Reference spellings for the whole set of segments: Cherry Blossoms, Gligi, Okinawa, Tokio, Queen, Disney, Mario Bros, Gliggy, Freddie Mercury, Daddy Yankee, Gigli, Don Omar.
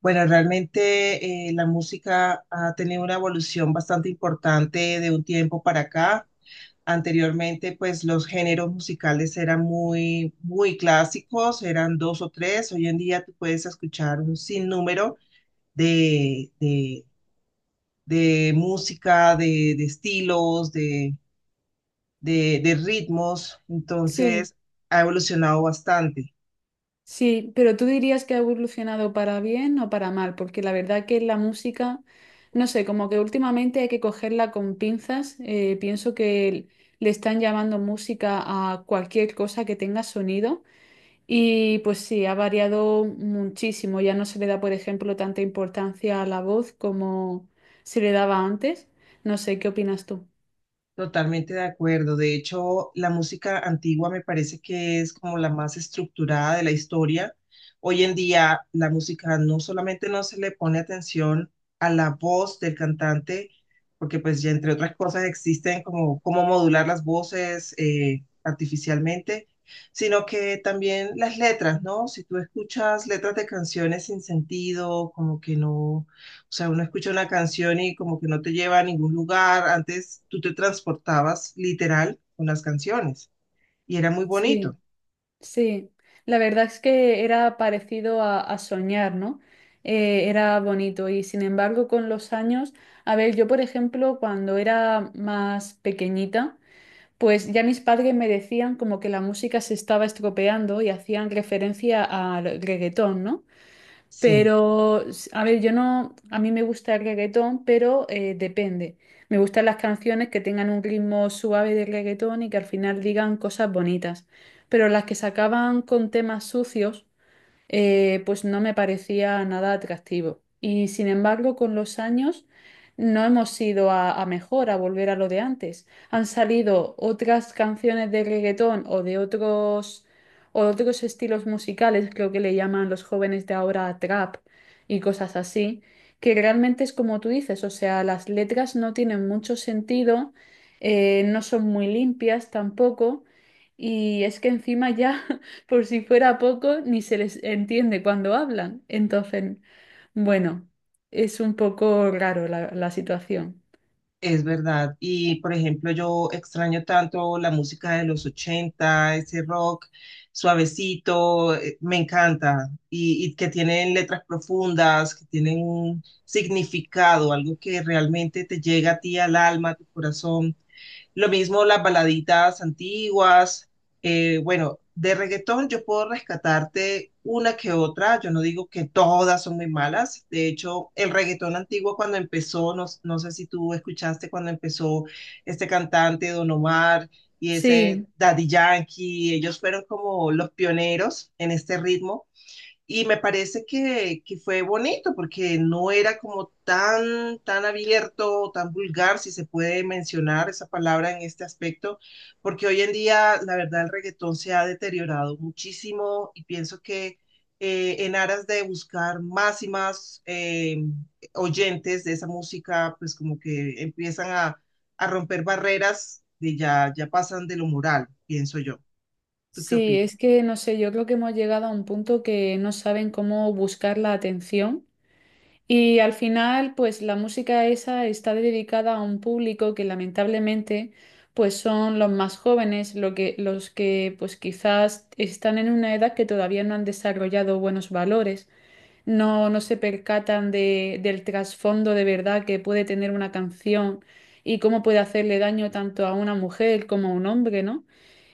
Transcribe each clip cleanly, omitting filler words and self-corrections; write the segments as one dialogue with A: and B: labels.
A: Bueno, realmente la música ha tenido una evolución bastante importante de un tiempo para acá. Anteriormente, pues los géneros musicales eran muy, muy clásicos, eran dos o tres. Hoy en día tú puedes escuchar un sinnúmero de, de, de música, de estilos, de ritmos.
B: Sí,
A: Entonces, ha evolucionado bastante.
B: sí, pero tú dirías que ha evolucionado para bien o para mal, porque la verdad que la música, no sé, como que últimamente hay que cogerla con pinzas. Pienso que le están llamando música a cualquier cosa que tenga sonido y pues sí, ha variado muchísimo. Ya no se le da, por ejemplo, tanta importancia a la voz como se le daba antes. No sé, ¿qué opinas tú?
A: Totalmente de acuerdo. De hecho, la música antigua me parece que es como la más estructurada de la historia. Hoy en día, la música no solamente no se le pone atención a la voz del cantante, porque pues ya entre otras cosas existen como cómo modular las voces artificialmente, sino que también las letras, ¿no? Si tú escuchas letras de canciones sin sentido, como que no, o sea, uno escucha una canción y como que no te lleva a ningún lugar. Antes tú te transportabas literal con las canciones y era muy
B: Sí.
A: bonito.
B: Sí, la verdad es que era parecido a, soñar, ¿no? Era bonito y sin embargo con los años, a ver, yo por ejemplo cuando era más pequeñita, pues ya mis padres me decían como que la música se estaba estropeando y hacían referencia al reggaetón, ¿no?
A: Sí,
B: Pero, a ver, yo no, a mí me gusta el reggaetón, pero depende. Me gustan las canciones que tengan un ritmo suave de reggaetón y que al final digan cosas bonitas. Pero las que se acaban con temas sucios, pues no me parecía nada atractivo. Y sin embargo, con los años no hemos ido a, mejor, a volver a lo de antes. Han salido otras canciones de reggaetón o de otros estilos musicales, creo que le llaman los jóvenes de ahora trap y cosas así, que realmente es como tú dices, o sea, las letras no tienen mucho sentido, no son muy limpias tampoco. Y es que encima ya Por si fuera poco, ni se les entiende cuando hablan. Entonces, bueno, es un poco raro la situación.
A: es verdad. Y por ejemplo, yo extraño tanto la música de los 80, ese rock suavecito, me encanta. Y que tienen letras profundas, que tienen un significado, algo que realmente te llega a ti al alma, a tu corazón. Lo mismo las baladitas antiguas. Bueno, de reggaetón yo puedo rescatarte una que otra. Yo no digo que todas son muy malas. De hecho, el reggaetón antiguo cuando empezó, no, no sé si tú escuchaste cuando empezó este cantante Don Omar y ese
B: Sí,
A: Daddy Yankee, ellos fueron como los pioneros en este ritmo. Y me parece que fue bonito porque no era como tan, tan abierto, tan vulgar, si se puede mencionar esa palabra en este aspecto, porque hoy en día, la verdad, el reggaetón se ha deteriorado muchísimo y pienso que en aras de buscar más y más oyentes de esa música, pues como que empiezan a romper barreras de ya, ya pasan de lo moral, pienso yo. ¿Tú qué
B: sí, es
A: opinas?
B: que no sé, yo creo que hemos llegado a un punto que no saben cómo buscar la atención. Y al final, pues la música esa está dedicada a un público que lamentablemente, pues son los más jóvenes, los que pues quizás están en una edad que todavía no han desarrollado buenos valores. No se percatan del trasfondo de verdad que puede tener una canción y cómo puede hacerle daño tanto a una mujer como a un hombre, ¿no?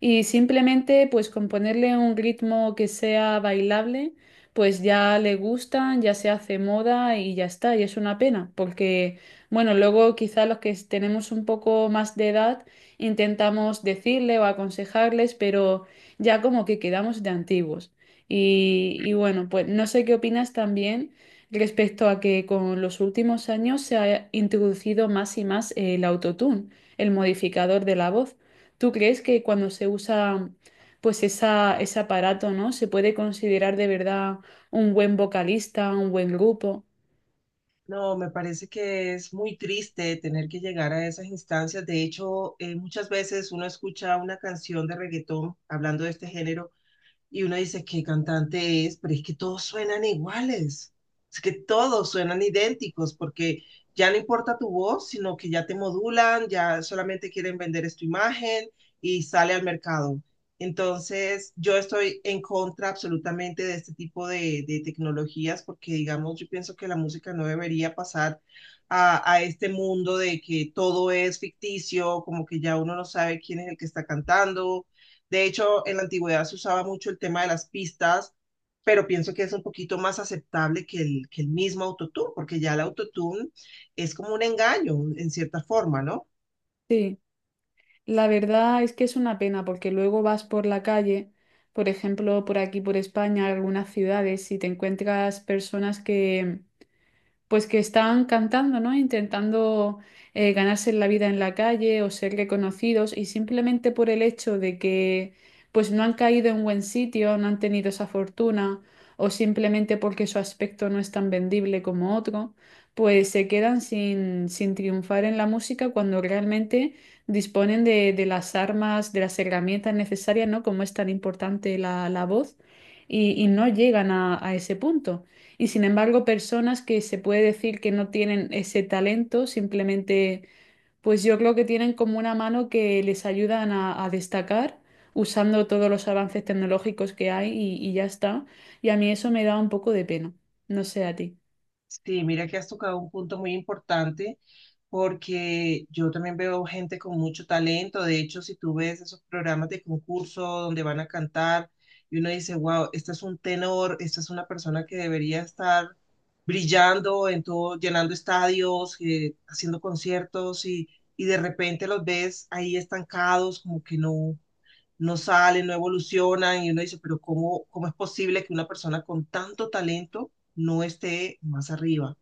B: Y simplemente pues con ponerle un ritmo que sea bailable, pues ya le gustan, ya se hace moda y ya está. Y es una pena, porque bueno, luego quizá los que tenemos un poco más de edad intentamos decirle o aconsejarles, pero ya como que quedamos de antiguos. Y bueno, pues no sé qué opinas también respecto a que con los últimos años se ha introducido más y más el autotune, el modificador de la voz. ¿Tú crees que cuando se usa pues esa, ese aparato, ¿no? Se puede considerar de verdad un buen vocalista, un buen grupo?
A: No, me parece que es muy triste tener que llegar a esas instancias. De hecho, muchas veces uno escucha una canción de reggaetón hablando de este género y uno dice qué cantante es, pero es que todos suenan iguales, es que todos suenan idénticos porque ya no importa tu voz, sino que ya te modulan, ya solamente quieren vender esta imagen y sale al mercado. Entonces, yo estoy en contra absolutamente de este tipo de tecnologías porque, digamos, yo pienso que la música no debería pasar a este mundo de que todo es ficticio, como que ya uno no sabe quién es el que está cantando. De hecho, en la antigüedad se usaba mucho el tema de las pistas, pero pienso que es un poquito más aceptable que que el mismo autotune, porque ya el autotune es como un engaño en cierta forma, ¿no?
B: Sí, la verdad es que es una pena porque luego vas por la calle, por ejemplo, por aquí, por España, algunas ciudades, y te encuentras personas que pues que están cantando, ¿no? Intentando ganarse la vida en la calle o ser reconocidos y simplemente por el hecho de que pues no han caído en buen sitio, no han tenido esa fortuna o simplemente porque su aspecto no es tan vendible como otro, pues se quedan sin, sin triunfar en la música cuando realmente disponen de las armas, de las herramientas necesarias, ¿no? Como es tan importante la voz y no llegan a ese punto. Y sin embargo, personas que se puede decir que no tienen ese talento, simplemente, pues yo creo que tienen como una mano que les ayudan a, destacar usando todos los avances tecnológicos que hay y ya está. Y a mí eso me da un poco de pena. No sé a ti.
A: Sí, mira que has tocado un punto muy importante porque yo también veo gente con mucho talento. De hecho, si tú ves esos programas de concurso donde van a cantar y uno dice, wow, este es un tenor, esta es una persona que debería estar brillando en todo, llenando estadios, haciendo conciertos y de repente los ves ahí estancados, como que no, no salen, no evolucionan y uno dice, pero ¿cómo, cómo es posible que una persona con tanto talento no esté más arriba?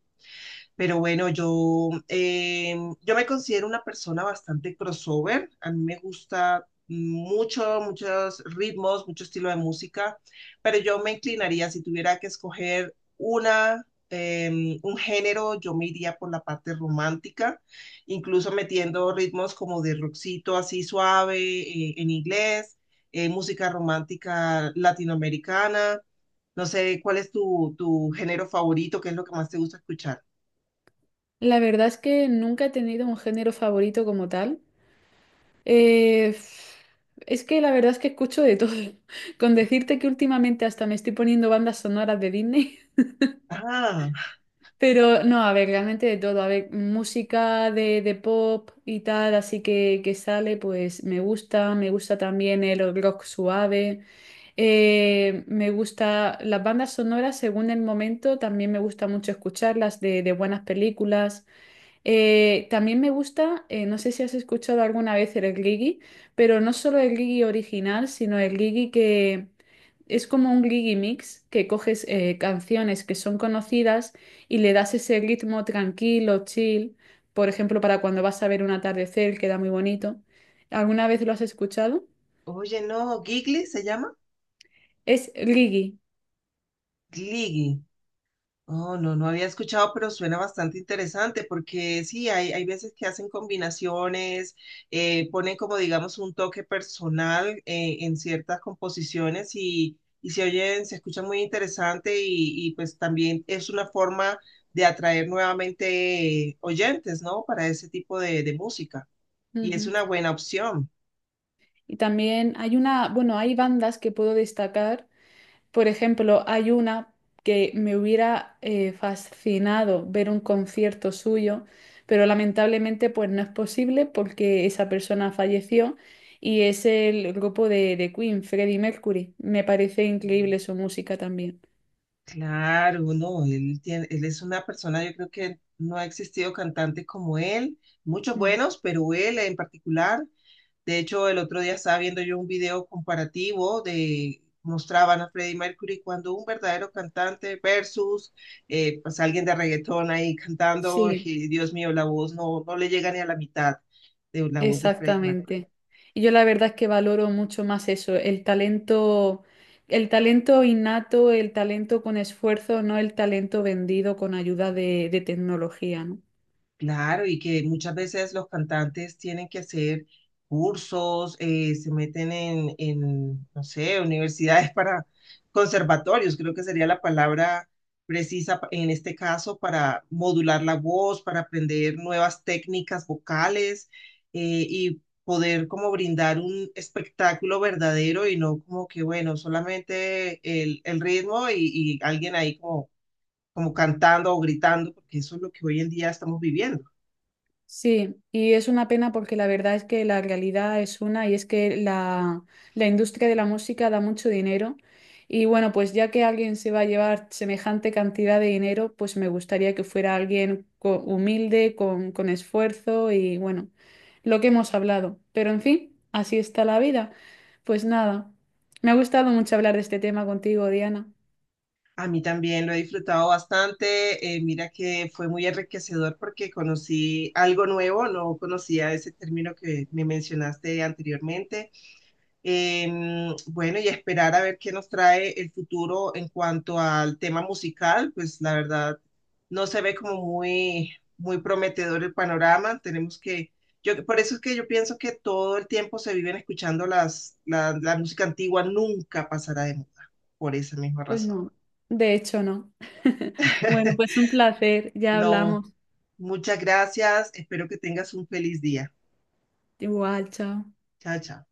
A: Pero bueno, yo me considero una persona bastante crossover. A mí me gusta mucho, muchos ritmos, mucho estilo de música, pero yo me inclinaría, si tuviera que escoger una, un género, yo me iría por la parte romántica, incluso metiendo ritmos como de rockcito así suave en inglés, música romántica latinoamericana. No sé, ¿cuál es tu género favorito? ¿Qué es lo que más te gusta escuchar?
B: La verdad es que nunca he tenido un género favorito como tal. Eh, es que la verdad es que escucho de todo. Con decirte que últimamente hasta me estoy poniendo bandas sonoras de Disney.
A: Ah,
B: Pero no, a ver, realmente de todo. A ver, música de pop y tal, así que sale, pues me gusta. Me gusta también el rock suave. Me gusta las bandas sonoras según el momento. También me gusta mucho escucharlas de buenas películas. También me gusta, no sé si has escuchado alguna vez el Gligi, pero no solo el Gligi original, sino el Gligi que es como un Gligi mix, que coges canciones que son conocidas y le das ese ritmo tranquilo, chill, por ejemplo, para cuando vas a ver un atardecer, queda muy bonito. ¿Alguna vez lo has escuchado?
A: oye, no, Gigli se llama
B: Es Gligi.
A: Gliggy. Oh, no, no había escuchado, pero suena bastante interesante porque sí, hay veces que hacen combinaciones, ponen como digamos un toque personal en ciertas composiciones y se oyen, se escucha muy interesante y pues también es una forma de atraer nuevamente oyentes, ¿no? Para ese tipo de música, y es
B: Ujú.
A: una buena opción.
B: Y también hay una, bueno, hay bandas que puedo destacar. Por ejemplo, hay una que me hubiera fascinado ver un concierto suyo, pero lamentablemente pues no es posible porque esa persona falleció y es el grupo de Queen, Freddie Mercury. Me parece increíble su música también.
A: Claro, no, él tiene, él es una persona, yo creo que no ha existido cantante como él, muchos
B: Mm.
A: buenos, pero él en particular, de hecho el otro día estaba viendo yo un video comparativo de, mostraban a Freddie Mercury cuando un verdadero cantante versus pues alguien de reggaetón ahí cantando,
B: Sí,
A: y Dios mío, la voz no, no le llega ni a la mitad de la voz de Freddie Mercury.
B: exactamente. Y yo la verdad es que valoro mucho más eso, el talento innato, el talento con esfuerzo, no el talento vendido con ayuda de tecnología, ¿no?
A: Claro, y que muchas veces los cantantes tienen que hacer cursos, se meten no sé, universidades para conservatorios, creo que sería la palabra precisa pa- en este caso para modular la voz, para aprender nuevas técnicas vocales y poder como brindar un espectáculo verdadero y no como que, bueno, solamente el ritmo y alguien ahí como, como cantando o gritando, porque eso es lo que hoy en día estamos viviendo.
B: Sí, y es una pena porque la verdad es que la realidad es una y es que la industria de la música da mucho dinero y bueno, pues ya que alguien se va a llevar semejante cantidad de dinero, pues me gustaría que fuera alguien humilde, con esfuerzo y bueno, lo que hemos hablado. Pero en fin, así está la vida. Pues nada, me ha gustado mucho hablar de este tema contigo, Diana.
A: A mí también lo he disfrutado bastante. Mira que fue muy enriquecedor porque conocí algo nuevo, no conocía ese término que me mencionaste anteriormente. Bueno, y esperar a ver qué nos trae el futuro en cuanto al tema musical, pues la verdad no se ve como muy, muy prometedor el panorama. Tenemos que, yo, por eso es que yo pienso que todo el tiempo se viven escuchando la música antigua, nunca pasará de moda, por esa misma
B: Pues
A: razón.
B: no, de hecho no. Bueno, pues un placer, ya
A: No,
B: hablamos.
A: muchas gracias. Espero que tengas un feliz día.
B: Igual, chao.
A: Chao, chao.